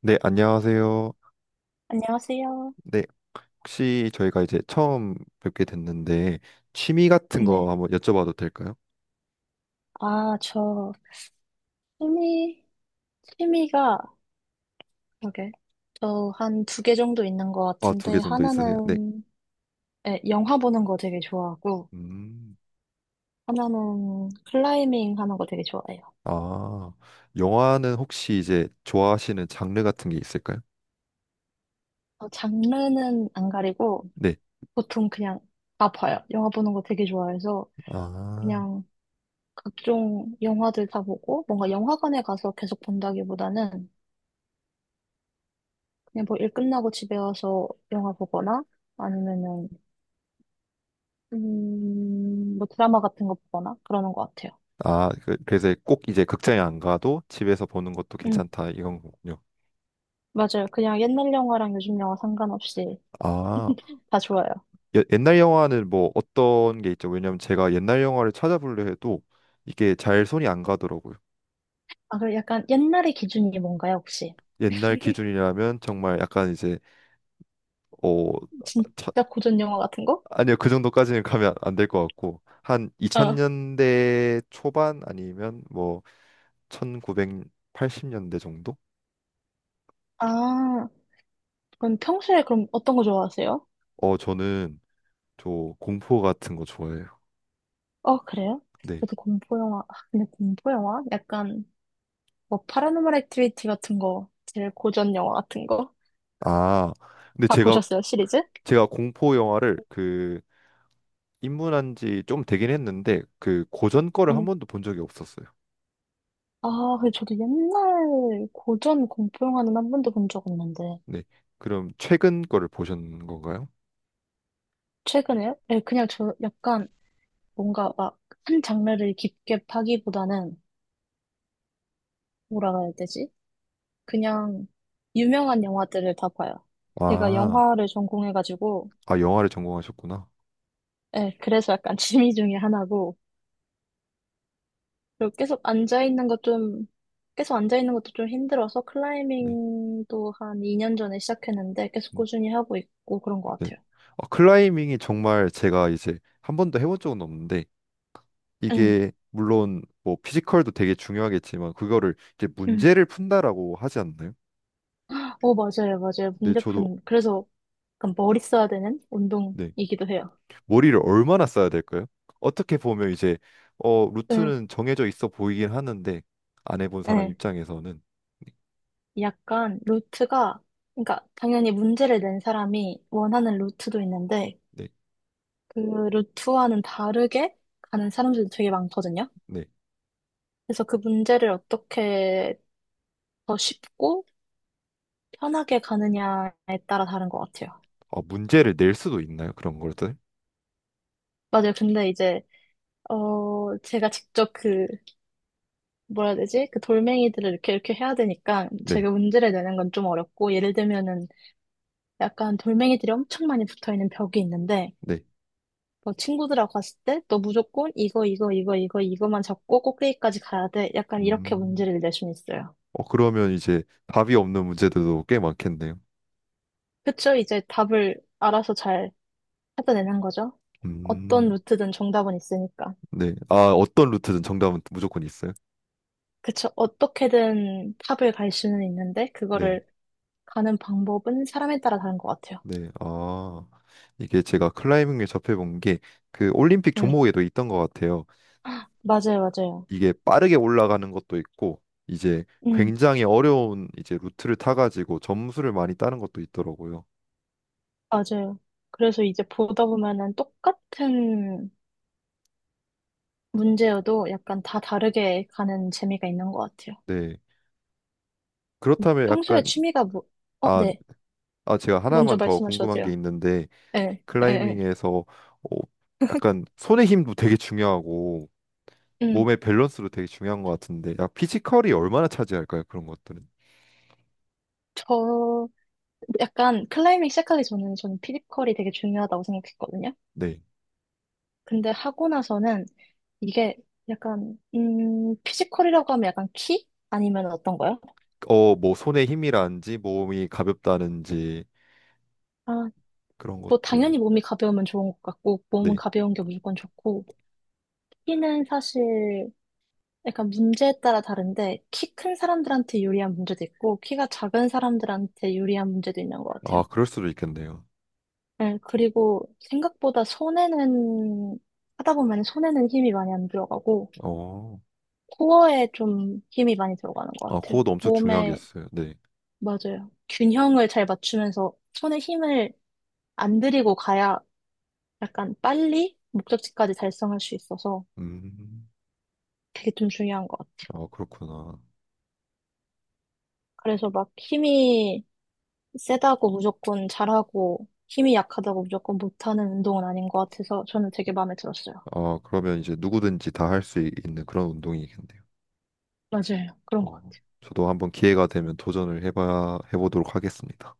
네, 안녕하세요. 안녕하세요. 네, 혹시 저희가 이제 처음 뵙게 됐는데 취미 같은 거 네. 한번 여쭤봐도 될까요? 아, 저 취미, 취미가, 그러게. 저 한 두 개 정도 있는 것 아, 두 개 같은데, 정도 있으세요? 네. 하나는 예, 영화 보는 거 되게 좋아하고, 음. 하나는 클라이밍 하는 거 되게 좋아해요. 아, 영화는 혹시 이제 좋아하시는 장르 같은 게 있을까요? 장르는 안 가리고, 네. 보통 그냥 다 봐요. 영화 보는 거 되게 좋아해서, 아. 그냥 각종 영화들 다 보고, 뭔가 영화관에 가서 계속 본다기보다는, 그냥 뭐 일 끝나고 집에 와서 영화 보거나, 아니면은 뭐 드라마 같은 거 보거나 그러는 것 같아요. 아, 그래서 꼭 이제 극장에 안 가도 집에서 보는 것도 응, 괜찮다 이런 거군요. 맞아요. 그냥 옛날 영화랑 요즘 영화 상관없이 아, 다 좋아요. 옛날 영화는 뭐 어떤 게 있죠? 왜냐면 제가 옛날 영화를 찾아보려 해도 이게 잘 손이 안 가더라고요. 아, 그럼 약간 옛날의 기준이 뭔가요, 혹시? 옛날 기준이라면 정말 약간 이제 어 차- 진짜 고전 영화 같은 거? 아니요 그 정도까지는 가면 안 될 것 같고 한 어. 2000년대 초반 아니면 뭐 1980년대 정도? 아, 그럼 평소에 그럼 어떤 거 좋아하세요? 어 저는 저 공포 같은 거 좋아해요. 어, 그래요? 네. 저도 공포 영화, 아, 근데 공포 영화? 약간 뭐 파라노멀 액티비티 같은 거, 제일 고전 영화 같은 거? 아 근데 다 제가 보셨어요, 시리즈? 제가 공포 영화를 그 입문한 지 좀 되긴 했는데 그 고전 거를 한 응, 번도 본 적이 없었어요. 아, 근데 저도 옛날 고전 공포 영화는 한 번도 본 적 없는데. 네. 그럼 최근 거를 보신 건가요? 최근에요? 네, 그냥 저 약간 뭔가 막 한 장르를 깊게 파기보다는 뭐라고 해야 되지? 그냥 유명한 영화들을 다 봐요. 제가 아, 영화를 전공해가지고, 아 영화를 전공하셨구나. 네, 그래서 약간 취미 중에 하나고, 그리고 계속 앉아있는 것 좀, 계속 앉아있는 것도 좀 힘들어서 네. 클라이밍도 한 2년 전에 시작했는데 계속 네. 꾸준히 하고 있고 그런 것 같아요. 클라이밍이 정말 제가 이제 한 번도 해본 적은 없는데 응, 이게 물론 뭐 피지컬도 되게 중요하겠지만 그거를 이제 응. 문제를 푼다라고 하지 않나요? 어, 맞아요, 맞아요. 근데 저도 문대푼. 그래서 약간 머리 써야 되는 네. 운동이기도 해요. 머리를 얼마나 써야 될까요? 어떻게 보면 이제 네. 루트는 정해져 있어 보이긴 하는데 안 해본 사람 네. 입장에서는 약간 루트가, 그러니까 당연히 문제를 낸 사람이 원하는 루트도 있는데 네. 그 루트와는 다르게 가는 사람들도 되게 많거든요. 네. 그래서 그 문제를 어떻게 더 쉽고 편하게 가느냐에 따라 다른 것 같아요. 아, 문제를 낼 수도 있나요? 그런 것들? 맞아요. 근데 이제 제가 직접 그 뭐라 해야 되지? 그 돌멩이들을 이렇게 이렇게 해야 되니까 네. 제가 문제를 내는 건 좀 어렵고 예를 들면은 약간 돌멩이들이 엄청 많이 붙어 있는 벽이 있는데 네. 뭐 친구들하고 갔을 때 너 무조건 이거 이거 이거 이거 이거만 잡고 꼭대기까지 가야 돼. 약간 이렇게 음. 문제를 낼 수는 있어요. 그러면 이제 답이 없는 문제들도 꽤 많겠네요. 그쵸? 이제 답을 알아서 잘 찾아내는 거죠. 어떤 음. 루트든 정답은 있으니까. 네. 아, 어떤 루트든 정답은 무조건 있어요. 그쵸? 어떻게든 탑을 갈 수는 있는데 네. 그거를 가는 방법은 사람에 따라 다른 것 같아요. 네. 아, 이게 제가 클라이밍을 접해본 게 그 올림픽 음, 종목에도 있던 것 같아요. 맞아요, 맞아요. 이게 빠르게 올라가는 것도 있고, 이제 음, 굉장히 어려운 이제 루트를 타가지고 점수를 많이 따는 것도 있더라고요. 맞아요. 그래서 이제 보다 보면은 똑같은 문제여도 약간 다 다르게 가는 재미가 있는 것 같아요. 네. 그렇다면 평소에 약간, 취미가 뭐, 어, 아, 네. 아, 제가 먼저 하나만 더 말씀하셔도 궁금한 게 돼요. 있는데, 예, 예, 예. 클라이밍에서 약간 손의 힘도 되게 중요하고, 음, 몸의 밸런스도 되게 중요한 것 같은데, 약 피지컬이 얼마나 차지할까요? 그런 것들은. 저, 약간 클라이밍 시작하기 전에는 저는 피지컬이 되게 중요하다고 생각했거든요. 네. 근데 하고 나서는 이게 약간, 피지컬이라고 하면 약간 키? 아니면 어떤 거요? 뭐 손에 힘이라는지 몸이 가볍다는지 아, 그런 뭐 것들. 당연히 몸이 가벼우면 좋은 것 같고, 몸은 네. 가벼운 게 무조건 좋고, 키는 사실 약간 문제에 따라 다른데, 키 큰 사람들한테 유리한 문제도 있고, 키가 작은 사람들한테 유리한 문제도 있는 것 아, 같아요. 그럴 수도 있겠네요. 네, 그리고 생각보다 손에는, 하다 보면 손에는 힘이 많이 안 들어가고, 어. 코어에 좀 힘이 많이 들어가는 아, 것 같아요. 그것도 엄청 몸에, 중요하겠어요. 네. 맞아요. 균형을 잘 맞추면서 손에 힘을 안 들이고 가야 약간 빨리 목적지까지 달성할 수 있어서 음. 그게 좀 중요한 것 같아요. 아, 그렇구나. 그래서 막 힘이 세다고 무조건 잘하고, 힘이 약하다고 무조건 못하는 운동은 아닌 것 같아서 저는 되게 마음에 들었어요. 아, 그러면 이제 누구든지 다 할 수 있는 그런 운동이겠네요. 맞아요. 그런 것 어. 같아요. 저도 한번 기회가 되면 도전을 해봐 해보도록 하겠습니다.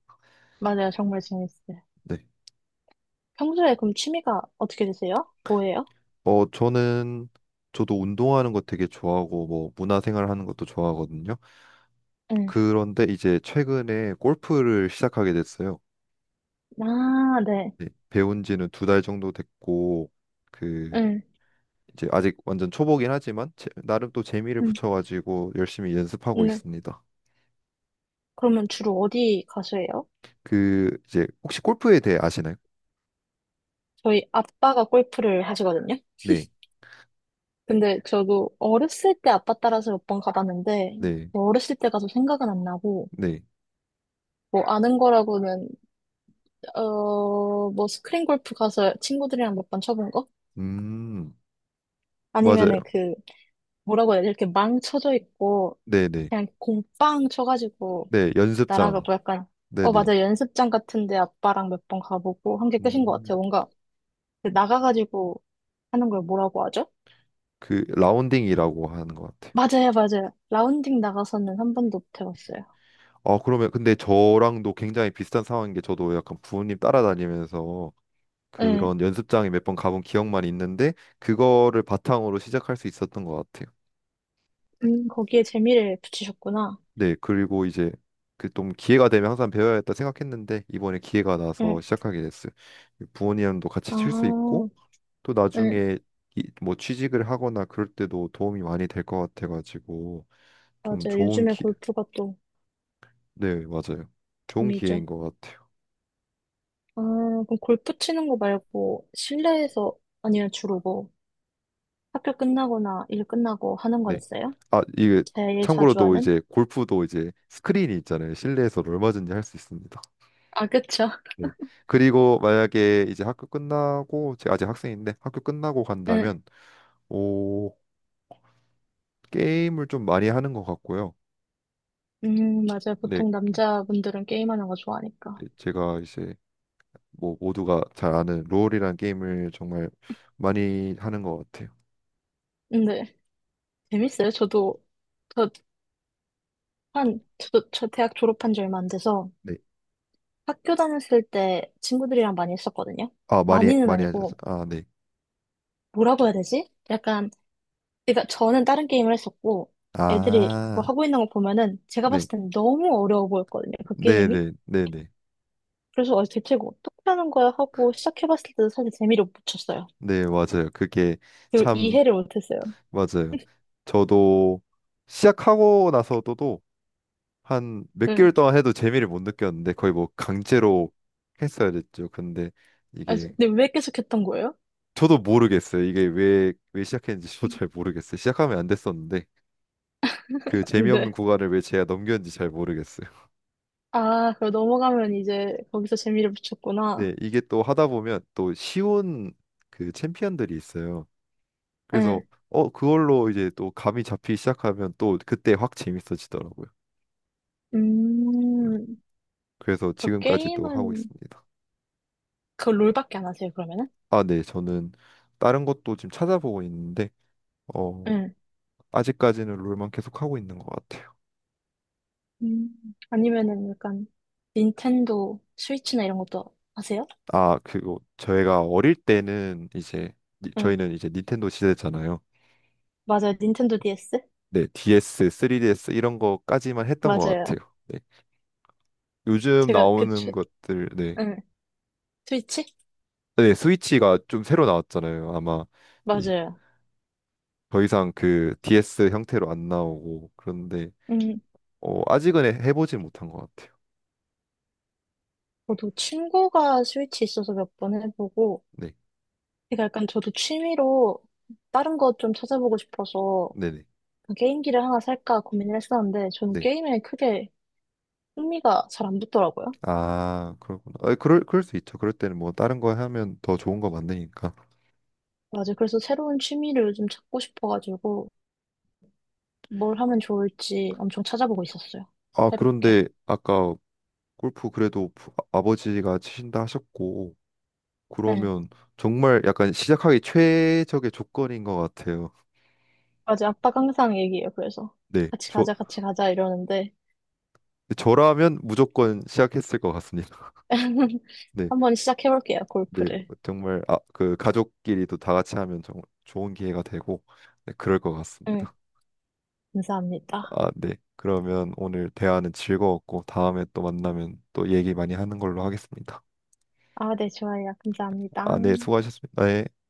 맞아요. 정말 재밌어요. 네. 평소에 그럼 취미가 어떻게 되세요? 뭐예요? 어, 저는 저도 운동하는 거 되게 좋아하고 뭐 문화생활 하는 것도 좋아하거든요. 응. 그런데 이제 최근에 골프를 시작하게 됐어요. 아, 네. 네, 배운 지는 두 달 정도 됐고 그 응. 이제 아직 완전 초보긴 하지만 나름 또 재미를 응, 붙여가지고 열심히 연습하고 네. 있습니다. 그러면 주로 어디 가서 해요? 그 이제 혹시 골프에 대해 아시나요? 저희 아빠가 골프를 하시거든요. 네, 근데 저도 어렸을 때 아빠 따라서 몇 번 가봤는데, 네, 뭐 어렸을 때 가서 생각은 안 나고, 네. 뭐 아는 거라고는, 뭐 스크린 골프 가서 친구들이랑 몇 번 쳐본 거? 음, 맞아요. 아니면은 그, 뭐라고 해야 돼? 이렇게 망 쳐져 있고, 네, 네, 그냥 공 빵 쳐가지고, 네. 연습장. 나라가고 약간, 네, 어, 네. 맞아. 연습장 같은데 아빠랑 몇 번 가보고 한 게 끝인 것 음, 같아요. 뭔가 그 나가가지고 하는 걸 뭐라고 하죠? 그 라운딩이라고 하는 것 같아요. 맞아요, 맞아요. 라운딩 나가서는 한 번도 못 해봤어요. 아, 그러면 근데 저랑도 굉장히 비슷한 상황인 게 저도 약간 부모님 따라다니면서 응, 그런 연습장에 몇 번 가본 기억만 있는데 그거를 바탕으로 시작할 수 있었던 것 같아요. 거기에 재미를 붙이셨구나. 네, 그리고 이제 그 좀 기회가 되면 항상 배워야겠다 생각했는데 이번에 기회가 응, 나서 시작하게 됐어요. 부모님도 같이 칠 수 아, 있고 또 응, 나중에 뭐 취직을 하거나 그럴 때도 도움이 많이 될 것 같아가지고 좀 맞아요. 좋은 요즘에 기, 골프가 또 네, 맞아요. 좋은 붐이죠. 기회인 것 같아요. 아, 그럼 골프 치는 거 말고 실내에서 아니면 주로 뭐 학교 끝나거나 일 끝나고 하는 건 네. 있어요? 아, 이게 제일 자주 참고로도 하는? 이제 골프도 이제 스크린이 있잖아요. 실내에서 얼마든지 할 수 있습니다. 아, 그쵸. 네. 그리고 만약에 이제 학교 끝나고 제가 아직 학생인데 학교 끝나고 간다면 오, 게임을 좀 많이 하는 것 같고요. 맞아요. 네, 보통 남자분들은 게임하는 거 좋아하니까. 제가 이제 뭐 모두가 잘 아는 롤이라는 게임을 정말 많이 하는 것 같아요. 근데 재밌어요. 저 저도 저 대학 졸업한 지 얼마 안 돼서 네, 학교 다녔을 때 친구들이랑 많이 했었거든요. 아 많이 많이는 많이 하셔 아니고 아 네, 뭐라고 해야 되지? 약간 그러니까 저는 다른 게임을 했었고 애들이 그거 아 하고 있는 거 보면은 제가 네, 봤을 때는 너무 어려워 보였거든요. 그 네, 게임이. 네, 네, 네, 그래서 대체 이거 어떻게 하는 거야 하고 시작해봤을 때도 사실 재미를 못 붙였어요. 네 맞아요. 그게 그걸 참 이해를 못했어요. 맞아요. 저도 시작하고 나서도 한 몇 응. 개월 동안 해도 재미를 못 느꼈는데 거의 뭐 강제로 했어야 됐죠. 근데 아, 이게 근데 왜 계속 했던 거예요? 저도 모르겠어요. 이게 왜 시작했는지 저도 잘 모르겠어요. 시작하면 안 됐었는데 그 재미없는 네. 구간을 왜 제가 넘겼는지 잘 모르겠어요. 아, 그럼 넘어가면 이제 거기서 재미를 붙였구나. 네, 이게 또 하다 보면 또 쉬운 그 챔피언들이 있어요. 응. 그래서 그걸로 이제 또 감이 잡히기 시작하면 또 그때 확 재밌어지더라고요. 음, 음, 그래서 그 지금까지도 하고 게임은 있습니다. 그 롤밖에 안 하세요, 그러면은? 아, 네, 저는 다른 것도 지금 찾아보고 있는데. 어, 응. 아직까지는 롤만 계속 하고 있는 것 같아요. 아니면은 약간 닌텐도 스위치나 이런 것도 하세요? 아, 그리고 저희가 어릴 때는 이제 응. 저희는 이제 닌텐도 시대잖아요. 맞아요. 닌텐도 DS? 네, DS, 3DS 이런 거까지만 했던 것 같아요. 맞아요. 네. 요즘 제가 그, 추, 나오는 것들, 네, 응. 스위치? 네, 스위치가 좀 새로 나왔잖아요. 아마 이, 맞아요. 더 이상 그 DS 형태로 안 나오고 그런데 음, 아직은 해보진 못한 것 같아요. 저도 친구가 스위치 있어서 몇 번 해보고, 네, 그러니까 약간 저도 취미로 다른 거 좀 찾아보고 싶어서 네, 네, 게임기를 하나 살까 고민을 했었는데 저는 네. 게임에 크게 흥미가 잘 안 붙더라고요. 아, 그렇구나. 아, 그럴 수 있죠. 그럴 때는 뭐 다른 거 하면 더 좋은 거 만드니까. 맞아요. 그래서 새로운 취미를 요즘 찾고 싶어가지고 뭘 하면 좋을지 엄청 찾아보고 있었어요. 아, 새롭게. 그런데 아까 골프 그래도 아버지가 치신다 하셨고, 네. 그러면 정말 약간 시작하기 최적의 조건인 것 같아요. 맞아요. 아빠가 항상 얘기해요. 그래서 네, 같이 가자, 같이 가자 이러는데 저라면 무조건 시작했을 것 같습니다. 네, 한번 시작해볼게요. 네, 골프를. 정말 아, 그 가족끼리도 다 같이 하면 정말 좋은 기회가 되고, 네, 그럴 것 네. 같습니다. 감사합니다. 아, 네, 그러면 오늘 대화는 즐거웠고, 다음에 또 만나면 또 얘기 많이 하는 걸로 하겠습니다. 아, 네, 좋아요. 감사합니다. 아, 네, 수고하셨습니다. 네.